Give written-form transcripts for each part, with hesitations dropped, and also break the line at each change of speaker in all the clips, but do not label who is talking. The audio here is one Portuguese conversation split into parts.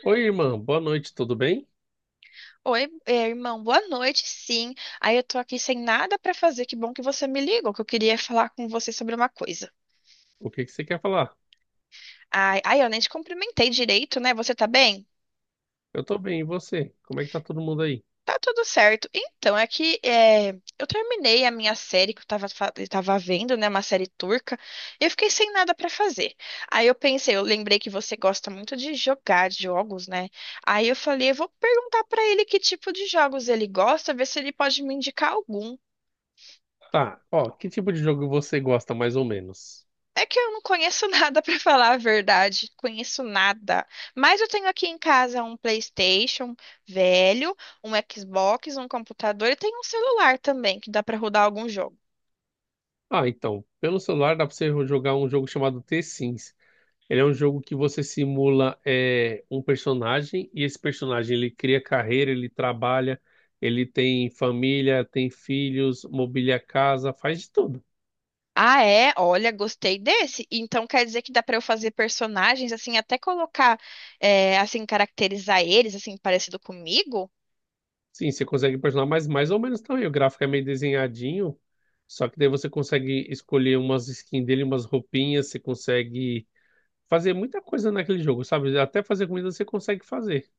Oi, irmã, boa noite, tudo bem?
Oi, irmão, boa noite, sim. Aí eu tô aqui sem nada pra fazer. Que bom que você me ligou, que eu queria falar com você sobre uma coisa.
O que que você quer falar?
Ai, ai, eu nem te cumprimentei direito, né? Você tá bem?
Eu tô bem, e você? Como é que tá todo mundo aí?
Tá tudo certo. Então, é que é, eu terminei a minha série que eu tava vendo, né? Uma série turca, e eu fiquei sem nada pra fazer. Aí eu pensei, eu lembrei que você gosta muito de jogar jogos, né? Aí eu falei, eu vou perguntar pra ele que tipo de jogos ele gosta, ver se ele pode me indicar algum.
Tá, ó, que tipo de jogo você gosta mais ou menos?
É que eu não conheço nada pra falar a verdade, conheço nada. Mas eu tenho aqui em casa um PlayStation velho, um Xbox, um computador e tem um celular também que dá pra rodar algum jogo.
Ah, então, pelo celular dá pra você jogar um jogo chamado The Sims. Ele é um jogo que você simula um personagem, e esse personagem ele cria carreira, ele trabalha, ele tem família, tem filhos, mobília a casa, faz de tudo.
Ah, é? Olha, gostei desse. Então quer dizer que dá pra eu fazer personagens assim, até colocar, é, assim, caracterizar eles assim parecido comigo?
Sim, você consegue personalizar, mas mais ou menos também. O gráfico é meio desenhadinho, só que daí você consegue escolher umas skins dele, umas roupinhas, você consegue fazer muita coisa naquele jogo, sabe? Até fazer comida você consegue fazer.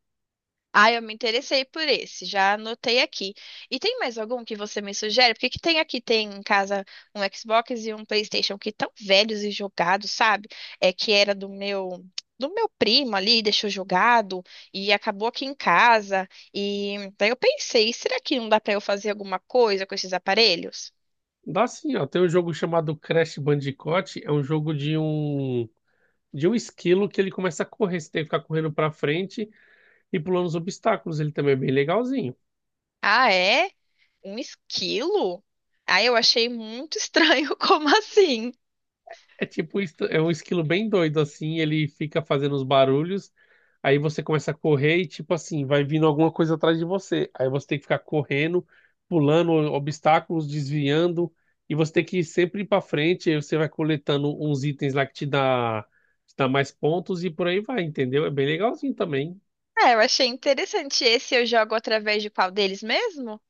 Ah, eu me interessei por esse, já anotei aqui. E tem mais algum que você me sugere? Porque que tem aqui, tem em casa um Xbox e um PlayStation que tão velhos e jogados, sabe? É que era do meu primo ali, deixou jogado e acabou aqui em casa. E daí eu pensei, será que não dá para eu fazer alguma coisa com esses aparelhos?
Dá sim, ó. Tem um jogo chamado Crash Bandicoot, é um jogo de um esquilo que ele começa a correr, você tem que ficar correndo pra frente e pulando os obstáculos. Ele também é bem legalzinho.
Ah, é? Um esquilo? Ah, eu achei muito estranho, como assim?
É tipo, é um esquilo bem doido, assim, ele fica fazendo os barulhos, aí você começa a correr e, tipo assim, vai vindo alguma coisa atrás de você. Aí você tem que ficar correndo, pulando obstáculos, desviando, e você tem que ir sempre ir pra frente, aí você vai coletando uns itens lá que te dá mais pontos e por aí vai, entendeu? É bem legalzinho também.
É, eu achei interessante. Esse eu jogo através de qual deles mesmo?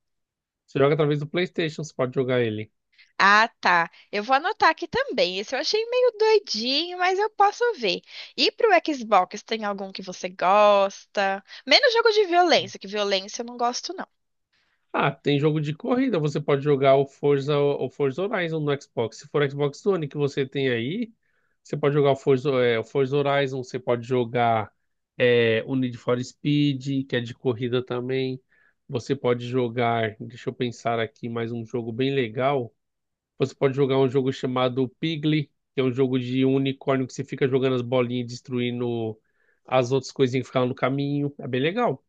Você joga através do PlayStation, você pode jogar ele.
Ah, tá. Eu vou anotar aqui também. Esse eu achei meio doidinho, mas eu posso ver. E pro Xbox, tem algum que você gosta? Menos jogo de violência, que violência eu não gosto, não.
Ah, tem jogo de corrida, você pode jogar o Forza Horizon no Xbox. Se for Xbox One que você tem aí, você pode jogar o Forza, o Forza Horizon, você pode jogar o Need for Speed, que é de corrida também. Você pode jogar, deixa eu pensar aqui, mais um jogo bem legal. Você pode jogar um jogo chamado Pigly, que é um jogo de um unicórnio que você fica jogando as bolinhas e destruindo as outras coisinhas que ficaram no caminho. É bem legal.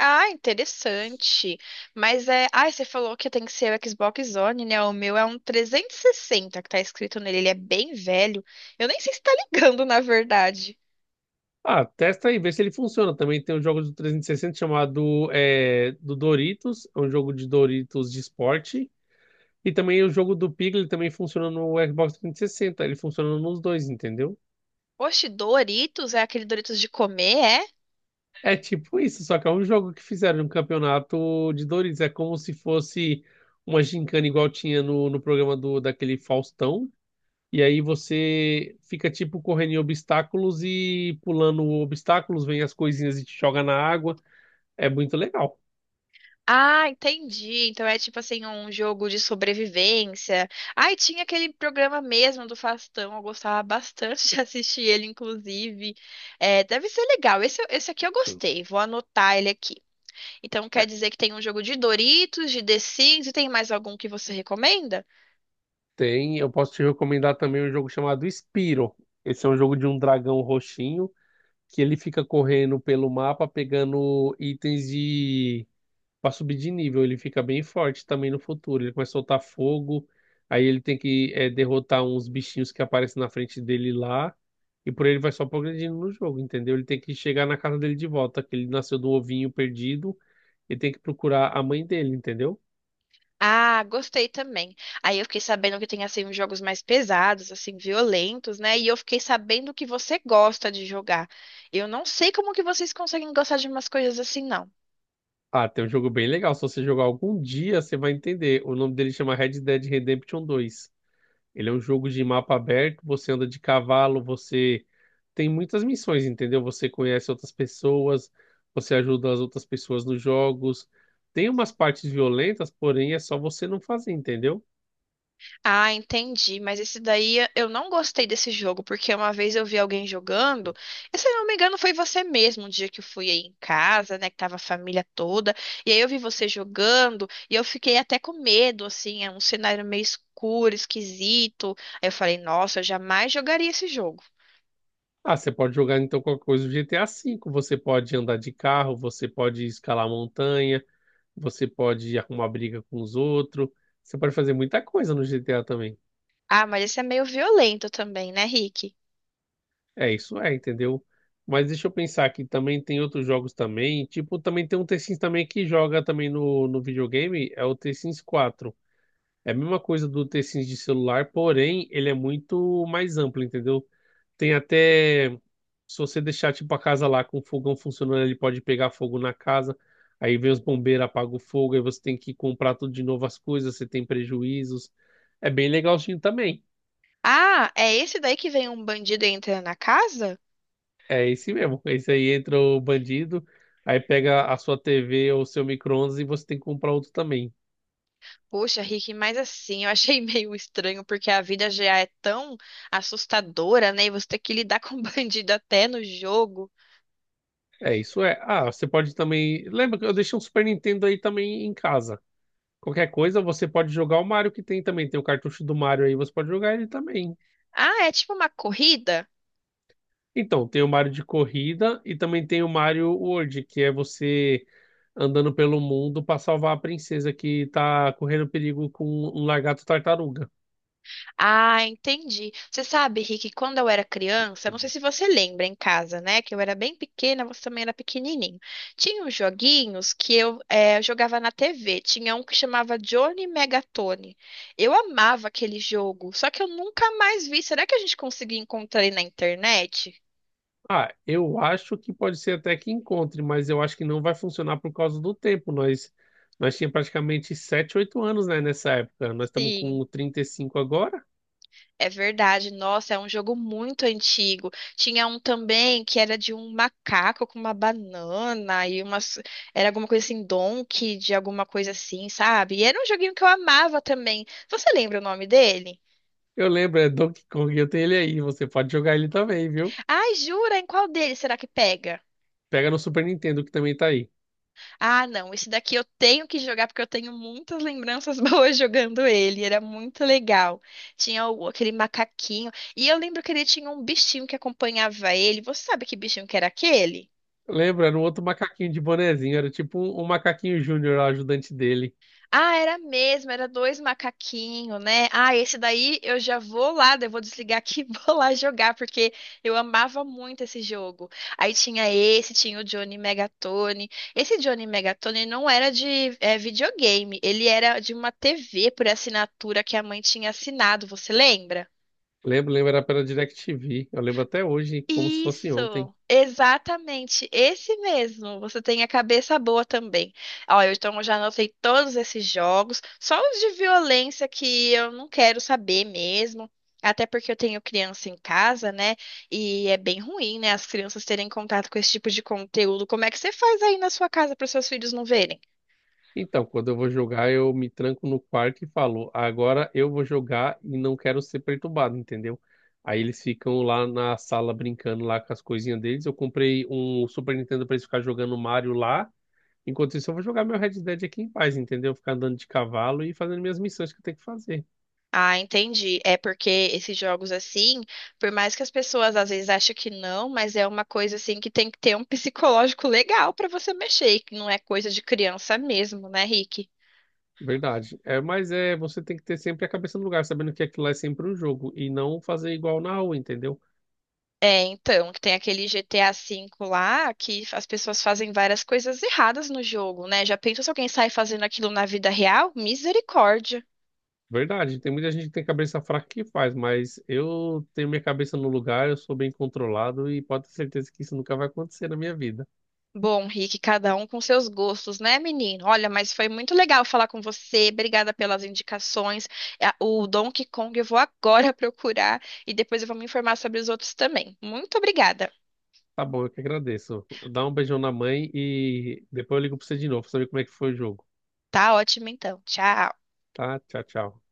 Ah, interessante. Mas é. Ah, você falou que tem que ser o Xbox One, né? O meu é um 360 que tá escrito nele. Ele é bem velho. Eu nem sei se tá ligando, na verdade.
Ah, testa aí, vê se ele funciona. Também tem um jogo do 360 chamado do Doritos, é um jogo de Doritos de esporte. E também o jogo do Piglet também funciona no Xbox 360. Ele funciona nos dois, entendeu?
Oxe, Doritos? É aquele Doritos de comer, é?
É tipo isso, só que é um jogo que fizeram um campeonato de Doritos. É como se fosse uma gincana igual tinha no programa do daquele Faustão. E aí você fica tipo correndo em obstáculos e pulando obstáculos, vem as coisinhas e te joga na água. É muito legal.
Ah, entendi. Então é tipo assim, um jogo de sobrevivência. Ai, tinha aquele programa mesmo do Faustão, eu gostava bastante de assistir ele, inclusive. É, deve ser legal. Esse aqui eu gostei, vou anotar ele aqui. Então quer dizer que tem um jogo de Doritos, de The Sims, e tem mais algum que você recomenda?
Tem, eu posso te recomendar também um jogo chamado Spyro. Esse é um jogo de um dragão roxinho que ele fica correndo pelo mapa pegando itens de para subir de nível. Ele fica bem forte também no futuro. Ele começa a soltar fogo, aí ele tem que derrotar uns bichinhos que aparecem na frente dele lá e por aí ele vai só progredindo no jogo, entendeu? Ele tem que chegar na casa dele de volta, que ele nasceu do ovinho perdido e tem que procurar a mãe dele, entendeu?
Ah, gostei também. Aí eu fiquei sabendo que tem assim uns jogos mais pesados, assim, violentos, né? E eu fiquei sabendo que você gosta de jogar. Eu não sei como que vocês conseguem gostar de umas coisas assim, não.
Ah, tem um jogo bem legal. Se você jogar algum dia, você vai entender. O nome dele chama Red Dead Redemption 2. Ele é um jogo de mapa aberto, você anda de cavalo, você tem muitas missões, entendeu? Você conhece outras pessoas, você ajuda as outras pessoas nos jogos. Tem umas partes violentas, porém é só você não fazer, entendeu?
Ah, entendi. Mas esse daí eu não gostei desse jogo, porque uma vez eu vi alguém jogando, e se eu não me engano foi você mesmo, um dia que eu fui aí em casa, né, que tava a família toda, e aí eu vi você jogando, e eu fiquei até com medo, assim, é um cenário meio escuro, esquisito. Aí eu falei, nossa, eu jamais jogaria esse jogo.
Ah, você pode jogar então qualquer coisa do GTA V. Você pode andar de carro, você pode escalar montanha, você pode arrumar briga com os outros. Você pode fazer muita coisa no GTA.
Ah, mas esse é meio violento também, né, Rick?
É, isso é, entendeu? Mas deixa eu pensar que também tem outros jogos também. Tipo, também tem um The Sims também que joga também no videogame, é o The Sims 4. É a mesma coisa do The Sims de celular, porém ele é muito mais amplo, entendeu? Tem até, se você deixar tipo a casa lá com o fogão funcionando, ele pode pegar fogo na casa. Aí vem os bombeiros, apaga o fogo, aí você tem que comprar tudo de novo as coisas, você tem prejuízos. É bem legalzinho também.
Ah, é esse daí que vem um bandido e entra na casa?
É esse mesmo. Esse aí entra o bandido, aí pega a sua TV ou seu micro-ondas e você tem que comprar outro também.
Poxa, Rick, mas assim, eu achei meio estranho, porque a vida já é tão assustadora, né? E você tem que lidar com bandido até no jogo.
É, isso é. Ah, você pode também. Lembra que eu deixei um Super Nintendo aí também em casa. Qualquer coisa, você pode jogar o Mario que tem também. Tem o cartucho do Mario aí, você pode jogar ele também.
Ah, é tipo uma corrida?
Então, tem o Mario de corrida e também tem o Mario World, que é você andando pelo mundo para salvar a princesa que tá correndo perigo com um lagarto tartaruga.
Ah, entendi. Você sabe, Rick, quando eu era criança, não sei se você lembra em casa, né? Que eu era bem pequena, você também era pequenininho. Tinha uns joguinhos que eu jogava na TV. Tinha um que chamava Johnny Megatone. Eu amava aquele jogo, só que eu nunca mais vi. Será que a gente conseguiu encontrar ele na internet?
Ah, eu acho que pode ser até que encontre, mas eu acho que não vai funcionar por causa do tempo. Nós tinha praticamente 7, 8 anos, né, nessa época. Nós estamos
Sim.
com 35 agora.
É verdade, nossa, é um jogo muito antigo. Tinha um também que era de um macaco com uma banana e umas. Era alguma coisa assim, Donkey, de alguma coisa assim, sabe? E era um joguinho que eu amava também. Você lembra o nome dele?
Eu lembro, é Donkey Kong, eu tenho ele aí. Você pode jogar ele também, viu?
Ai, jura? Em qual dele será que pega?
Pega no Super Nintendo que também tá aí.
Ah, não, esse daqui eu tenho que jogar porque eu tenho muitas lembranças boas jogando ele. Era muito legal. Tinha aquele macaquinho. E eu lembro que ele tinha um bichinho que acompanhava ele. Você sabe que bichinho que era aquele?
Lembra, era um outro macaquinho de bonezinho, era tipo um macaquinho júnior, o ajudante dele.
Ah, era mesmo, era dois macaquinhos, né? Ah, esse daí eu já vou lá, daí eu vou desligar aqui e vou lá jogar, porque eu amava muito esse jogo. Aí tinha esse, tinha o Johnny Megatone. Esse Johnny Megatone não era de videogame, ele era de uma TV por assinatura que a mãe tinha assinado, você lembra?
Lembro, lembro, era pela DirecTV. Eu lembro até hoje, como se fosse ontem.
Isso, exatamente, esse mesmo. Você tem a cabeça boa também. Ó, eu, então eu já anotei todos esses jogos, só os de violência que eu não quero saber mesmo. Até porque eu tenho criança em casa, né? E é bem ruim, né? As crianças terem contato com esse tipo de conteúdo. Como é que você faz aí na sua casa para os seus filhos não verem?
Então, quando eu vou jogar, eu me tranco no quarto e falo, agora eu vou jogar e não quero ser perturbado, entendeu? Aí eles ficam lá na sala brincando lá com as coisinhas deles. Eu comprei um Super Nintendo pra eles ficarem jogando Mario lá. Enquanto isso, eu vou jogar meu Red Dead aqui em paz, entendeu? Ficar andando de cavalo e fazendo minhas missões que eu tenho que fazer.
Ah, entendi. É porque esses jogos assim, por mais que as pessoas às vezes achem que não, mas é uma coisa assim que tem que ter um psicológico legal pra você mexer, que não é coisa de criança mesmo, né, Rick?
Verdade. É, mas é, você tem que ter sempre a cabeça no lugar, sabendo que aquilo lá é sempre um jogo e não fazer igual na rua, entendeu?
É, então, que tem aquele GTA V lá que as pessoas fazem várias coisas erradas no jogo, né? Já pensou se alguém sai fazendo aquilo na vida real? Misericórdia.
Verdade, tem muita gente que tem cabeça fraca que faz, mas eu tenho minha cabeça no lugar, eu sou bem controlado e pode ter certeza que isso nunca vai acontecer na minha vida.
Bom, Rick, cada um com seus gostos, né, menino? Olha, mas foi muito legal falar com você. Obrigada pelas indicações. É, O Donkey Kong eu vou agora procurar e depois eu vou me informar sobre os outros também. Muito obrigada.
Tá bom, eu que agradeço. Dá um beijão na mãe e depois eu ligo pra você de novo pra saber como é que foi o jogo.
Tá ótimo, então. Tchau.
Tá? Tchau, tchau.